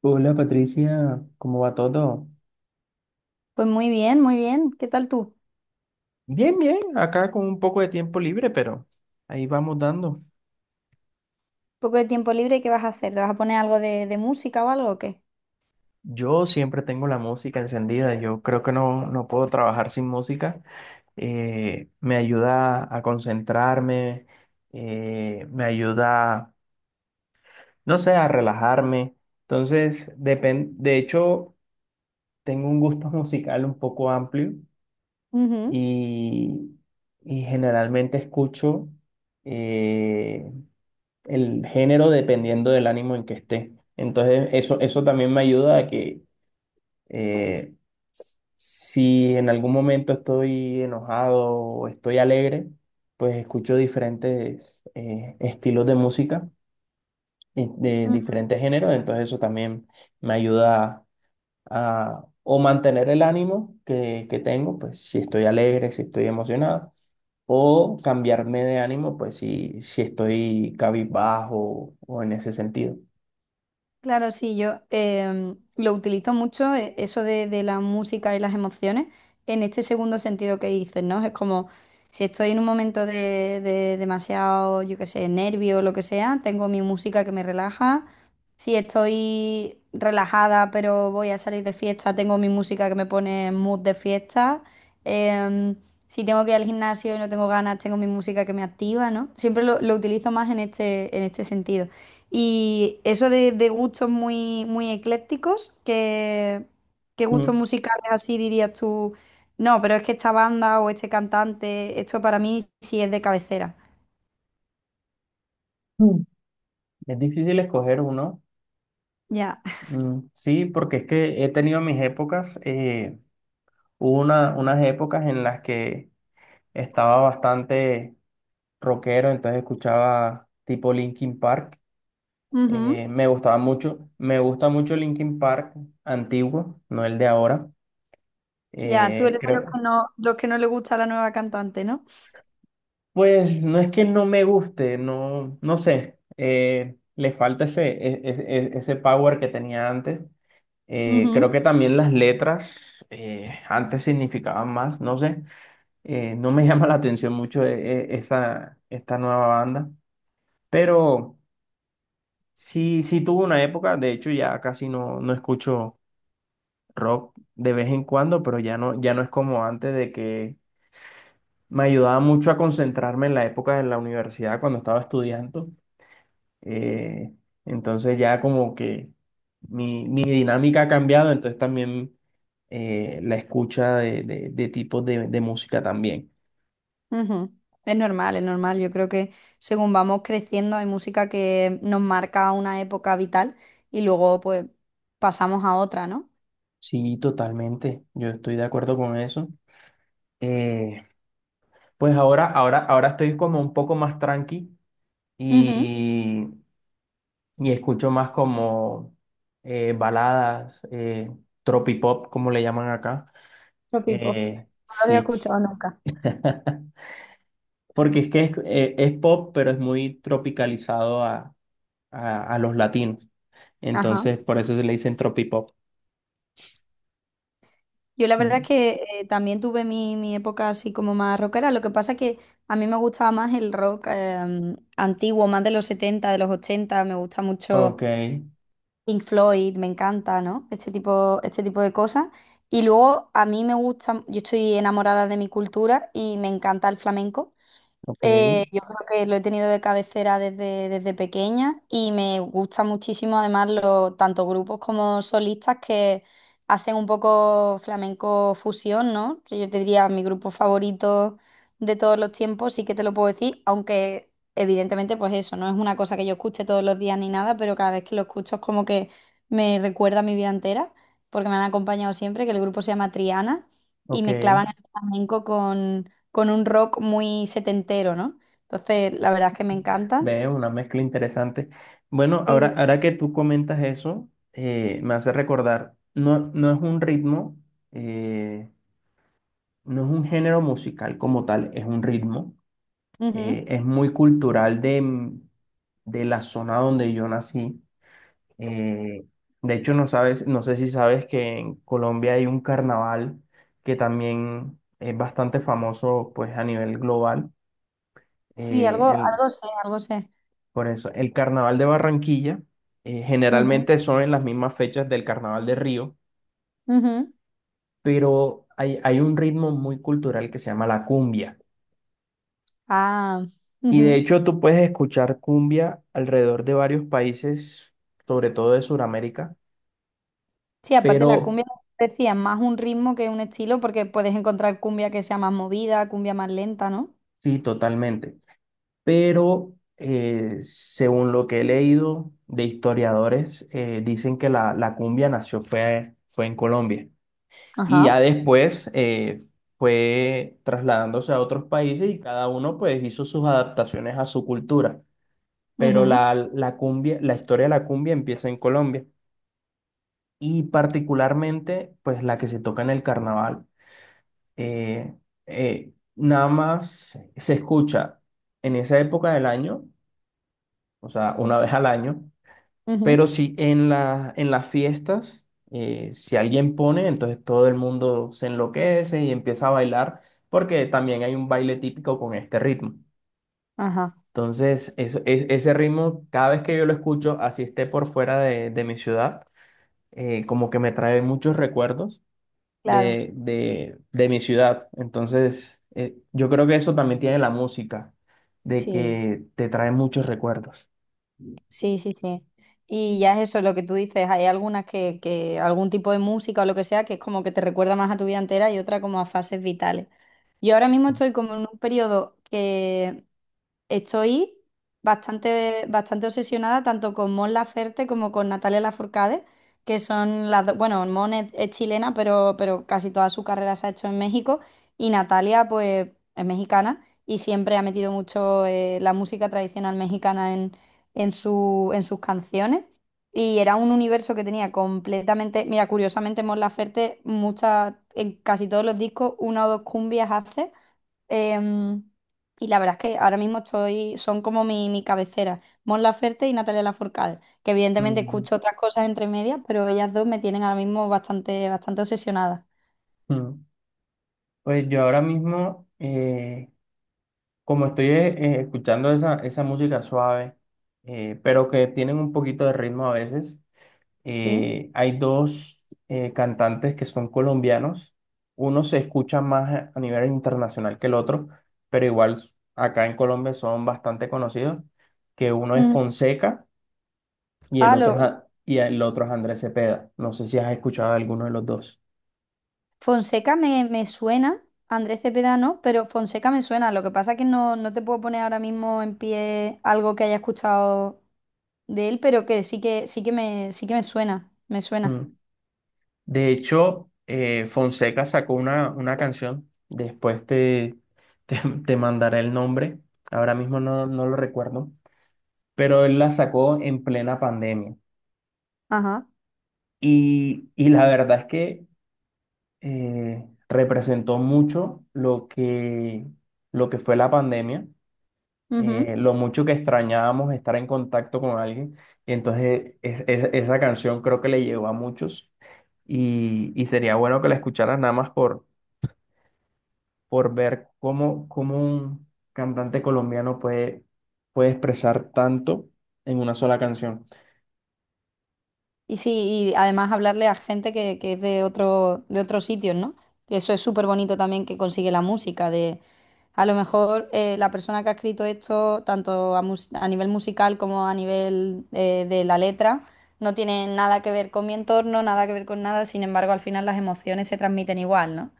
Hola Patricia, ¿cómo va todo? Pues muy bien, muy bien. ¿Qué tal tú? Bien, bien, acá con un poco de tiempo libre, pero ahí vamos dando. ¿Poco de tiempo libre? ¿Qué vas a hacer? ¿Te vas a poner algo de música o algo o qué? Yo siempre tengo la música encendida, yo creo que no puedo trabajar sin música. Me ayuda a concentrarme, me ayuda, no sé, a relajarme. Entonces, de hecho, tengo un gusto musical un poco amplio Ujú. y, y generalmente escucho eh, el género dependiendo del ánimo en que esté. Entonces, eso también me ayuda a que, eh, si en algún momento estoy enojado o estoy alegre, pues escucho diferentes estilos de música y de diferentes géneros. Entonces, eso también me ayuda a, o mantener el ánimo que tengo, pues si estoy alegre, si estoy emocionado. O cambiarme de ánimo, pues si estoy cabizbajo o en ese sentido. Claro, sí, yo lo utilizo mucho, eso de la música y las emociones, en este segundo sentido que dices, ¿no? Es como si estoy en un momento de demasiado, yo qué sé, nervio o lo que sea, tengo mi música que me relaja. Si estoy relajada pero voy a salir de fiesta, tengo mi música que me pone en mood de fiesta. Em, si tengo que ir al gimnasio y no tengo ganas, tengo mi música que me activa, ¿no? Siempre lo utilizo más en este sentido. Y eso de gustos muy, muy eclécticos, ¿qué Mm, gustos musicales así dirías tú? No, pero es que esta banda o este cantante, esto para mí sí es de cabecera. mm, es difícil escoger uno. Ya. Mm, sí, porque es que he tenido mis épocas. Hubo unas épocas en las que estaba bastante rockero, entonces escuchaba tipo Linkin Park. Ujú. Me gustaba mucho. Me gusta mucho Linkin Park antiguo, no el de ahora. Ya, tú Eh, eres de creo, los que no le gusta la nueva cantante, ¿no? Pues no es que no me guste, no, no sé, le falta ese, ese power que tenía antes. Ujú, Creo que también las letras antes significaban más, no sé. No me llama la atención mucho esa, esta nueva banda, pero sí, sí tuvo una época, de hecho ya casi no escucho rock de vez en cuando, pero ya no, ya no es como antes de que me ayudaba mucho a concentrarme en la época de la universidad cuando estaba estudiando. Eh, entonces, ya como que mi dinámica ha cambiado, entonces también la escucha de, de tipos de música también. ujú. Es normal, es normal. Yo creo que según vamos creciendo hay música que nos marca una época vital y luego pues pasamos a otra, ¿no? Sí, totalmente, yo estoy de acuerdo con eso. Eh, pues ahora estoy como un poco más tranqui Ujú. y, y escucho más como baladas, tropipop, como le llaman acá. Los P-pop. No lo había Sí. escuchado nunca. Porque es que es pop, pero es muy tropicalizado a, a los latinos. Ajá. Entonces, por eso se le dicen tropipop. Yo la verdad es Mm. que también tuve mi época así como más rockera. Lo que pasa es que a mí me gustaba más el rock antiguo, más de los 70, de los 80. Me gusta mucho Ok, Pink Floyd, me encanta, ¿no? Este tipo de cosas. Y luego a mí me gusta, yo estoy enamorada de mi cultura y me encanta el flamenco. ok, Yo creo que lo he tenido de cabecera desde pequeña y me gusta muchísimo además los tanto grupos como solistas que hacen un poco flamenco fusión, ¿no? Que yo te diría mi grupo favorito de todos los tiempos, sí que te lo puedo decir, aunque evidentemente pues eso, no es una cosa que yo escuche todos los días ni nada, pero cada vez que lo escucho es como que me recuerda a mi vida entera, porque me han acompañado siempre, que el grupo se llama Triana y ok. mezclaban el flamenco con un rock muy setentero, ¿no? Entonces, la verdad es que me encanta. Veo una mezcla interesante. Bueno, Sí, sí. ahora que tú comentas eso, me hace recordar, no, no es un ritmo, eh, no es un género musical como tal, es un ritmo. Ujú. Es muy cultural de la zona donde yo nací. Eh, de hecho, no sabes, no sé si sabes que en Colombia hay un carnaval que también es bastante famoso pues a nivel global. Sí, Eh, algo, el- algo sé, algo sé. por eso, el carnaval de Barranquilla Ujú, generalmente son en las mismas fechas del carnaval de Río, ujú. pero hay un ritmo muy cultural que se llama la cumbia. Ah, Y de ujú. hecho, tú puedes escuchar cumbia alrededor de varios países, sobre todo de Sudamérica, Sí, aparte la pero cumbia, como decía, es más un ritmo que un estilo, porque puedes encontrar cumbia que sea más movida, cumbia más lenta, ¿no? sí, totalmente. Pero según lo que he leído de historiadores, dicen que la cumbia nació fue, fue en Colombia y Ajá. ya después fue trasladándose a otros países y cada uno pues hizo sus adaptaciones a su cultura, pero Ujú, la cumbia, la historia de la cumbia empieza en Colombia y particularmente pues la que se toca en el carnaval. eh, Nada más se escucha en esa época del año, o sea, una vez al año. Pero ujú. si en la, en las fiestas, si alguien pone, entonces todo el mundo se enloquece y empieza a bailar, porque también hay un baile típico con este ritmo. Ajá, Entonces, ese ritmo, cada vez que yo lo escucho, así esté por fuera de mi ciudad, como que me trae muchos recuerdos claro. de, de mi ciudad. Entonces, yo creo que eso también tiene la música, de Sí. que te trae muchos recuerdos. Sí, sí, sí. Y ya es eso lo que tú dices, hay algunas que algún tipo de música o lo que sea que es como que te recuerda más a tu vida entera y otra como a fases vitales. Yo ahora mismo estoy como en un periodo que estoy bastante, bastante obsesionada tanto con Mon Laferte como con Natalia Lafourcade, que son las dos, bueno, Mon es chilena, pero casi toda su carrera se ha hecho en México y Natalia pues es mexicana y siempre ha metido mucho la música tradicional mexicana en en sus canciones. Y era un universo que tenía completamente, mira, curiosamente Mon Laferte, muchas, en casi todos los discos, una o dos cumbias hace. Em, y la verdad es que ahora mismo estoy, son como mi cabecera, Mon Laferte y Natalia Lafourcade, que evidentemente Mm, escucho otras cosas entre medias, pero ellas dos me tienen ahora mismo bastante, bastante obsesionada. mm. Pues yo ahora mismo, como estoy escuchando esa música suave, pero que tienen un poquito de ritmo a veces, ¿Sí? Hay dos cantantes que son colombianos. Uno se escucha más a nivel internacional que el otro, pero igual acá en Colombia son bastante conocidos, que uno es Mm. Fonseca y el Ah, otro, lo es Andrés Cepeda. No sé si has escuchado alguno de los dos. Fonseca me suena, Andrés Cepeda no, pero Fonseca me suena. Lo que pasa es que no, no te puedo poner ahora mismo en pie algo que haya escuchado de él, pero que sí que, sí que me suena, me suena. Mm. De hecho, Fonseca sacó una canción, después te, te mandaré el nombre, ahora mismo no lo recuerdo, pero él la sacó en plena pandemia. Ajá. Y la verdad es que representó mucho lo que fue la pandemia, lo mucho que extrañábamos estar en contacto con alguien. Entonces, esa canción creo que le llegó a muchos y sería bueno que la escucharas nada más por ver cómo, cómo un cantante colombiano puede, puede expresar tanto en una sola canción. Y sí, y además hablarle a gente que es de otro, de otros sitios, ¿no? Que eso es súper bonito también que consigue la música, de a lo mejor la persona que ha escrito esto, tanto a, a nivel musical como a nivel de la letra, no tiene nada que ver con mi entorno, nada que ver con nada, sin embargo, al final las emociones se transmiten igual, ¿no?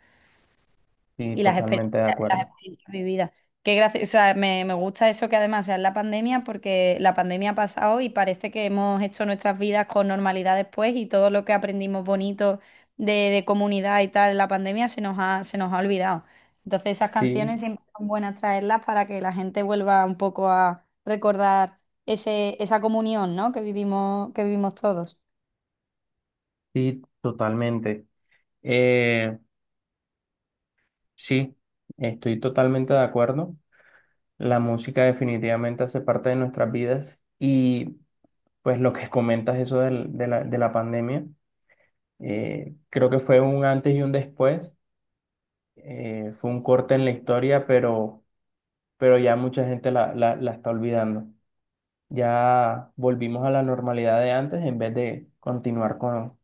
Sí, Y totalmente de las acuerdo. experiencias vividas. O sea, me gusta eso que además sea en la pandemia, porque la pandemia ha pasado y parece que hemos hecho nuestras vidas con normalidad después y todo lo que aprendimos bonito de comunidad y tal en la pandemia se nos ha olvidado. Entonces esas Sí, canciones siempre son buenas traerlas para que la gente vuelva un poco a recordar esa comunión, ¿no? Que vivimos, que vivimos todos. sí, totalmente. Eh, sí, estoy totalmente de acuerdo. La música definitivamente hace parte de nuestras vidas y pues lo que comentas eso de la pandemia, creo que fue un antes y un después. Fue un corte en la historia, pero ya mucha gente la está olvidando. Ya volvimos a la normalidad de antes en vez de continuar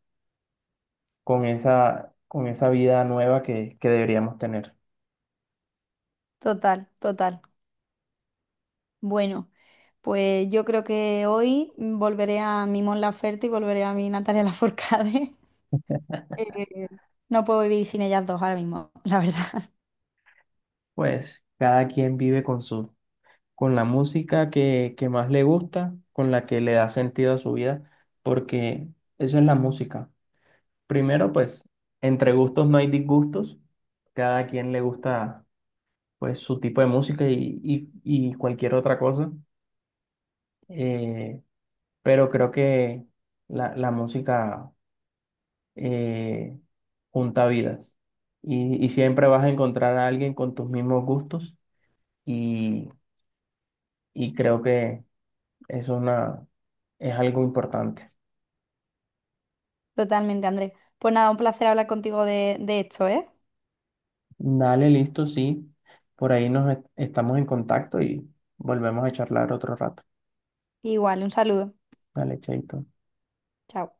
con esa vida nueva que deberíamos tener. Total, total. Bueno, pues yo creo que hoy volveré a mi Mon Laferte y volveré a mi Natalia Lafourcade. Eh, no puedo vivir sin ellas dos ahora mismo, la verdad. Pues cada quien vive con su, con la música que más le gusta, con la que le da sentido a su vida, porque eso es la música. Primero, pues, entre gustos no hay disgustos. Cada quien le gusta, pues, su tipo de música y cualquier otra cosa. Eh, pero creo que la música eh, junta vidas y siempre vas a encontrar a alguien con tus mismos gustos y, y creo que es una, es algo importante. Totalmente, Andrés. Pues nada, un placer hablar contigo de esto, ¿eh? Dale, listo, sí. Por ahí estamos en contacto y volvemos a charlar otro rato. Igual, un saludo. Dale, chaito. Chao.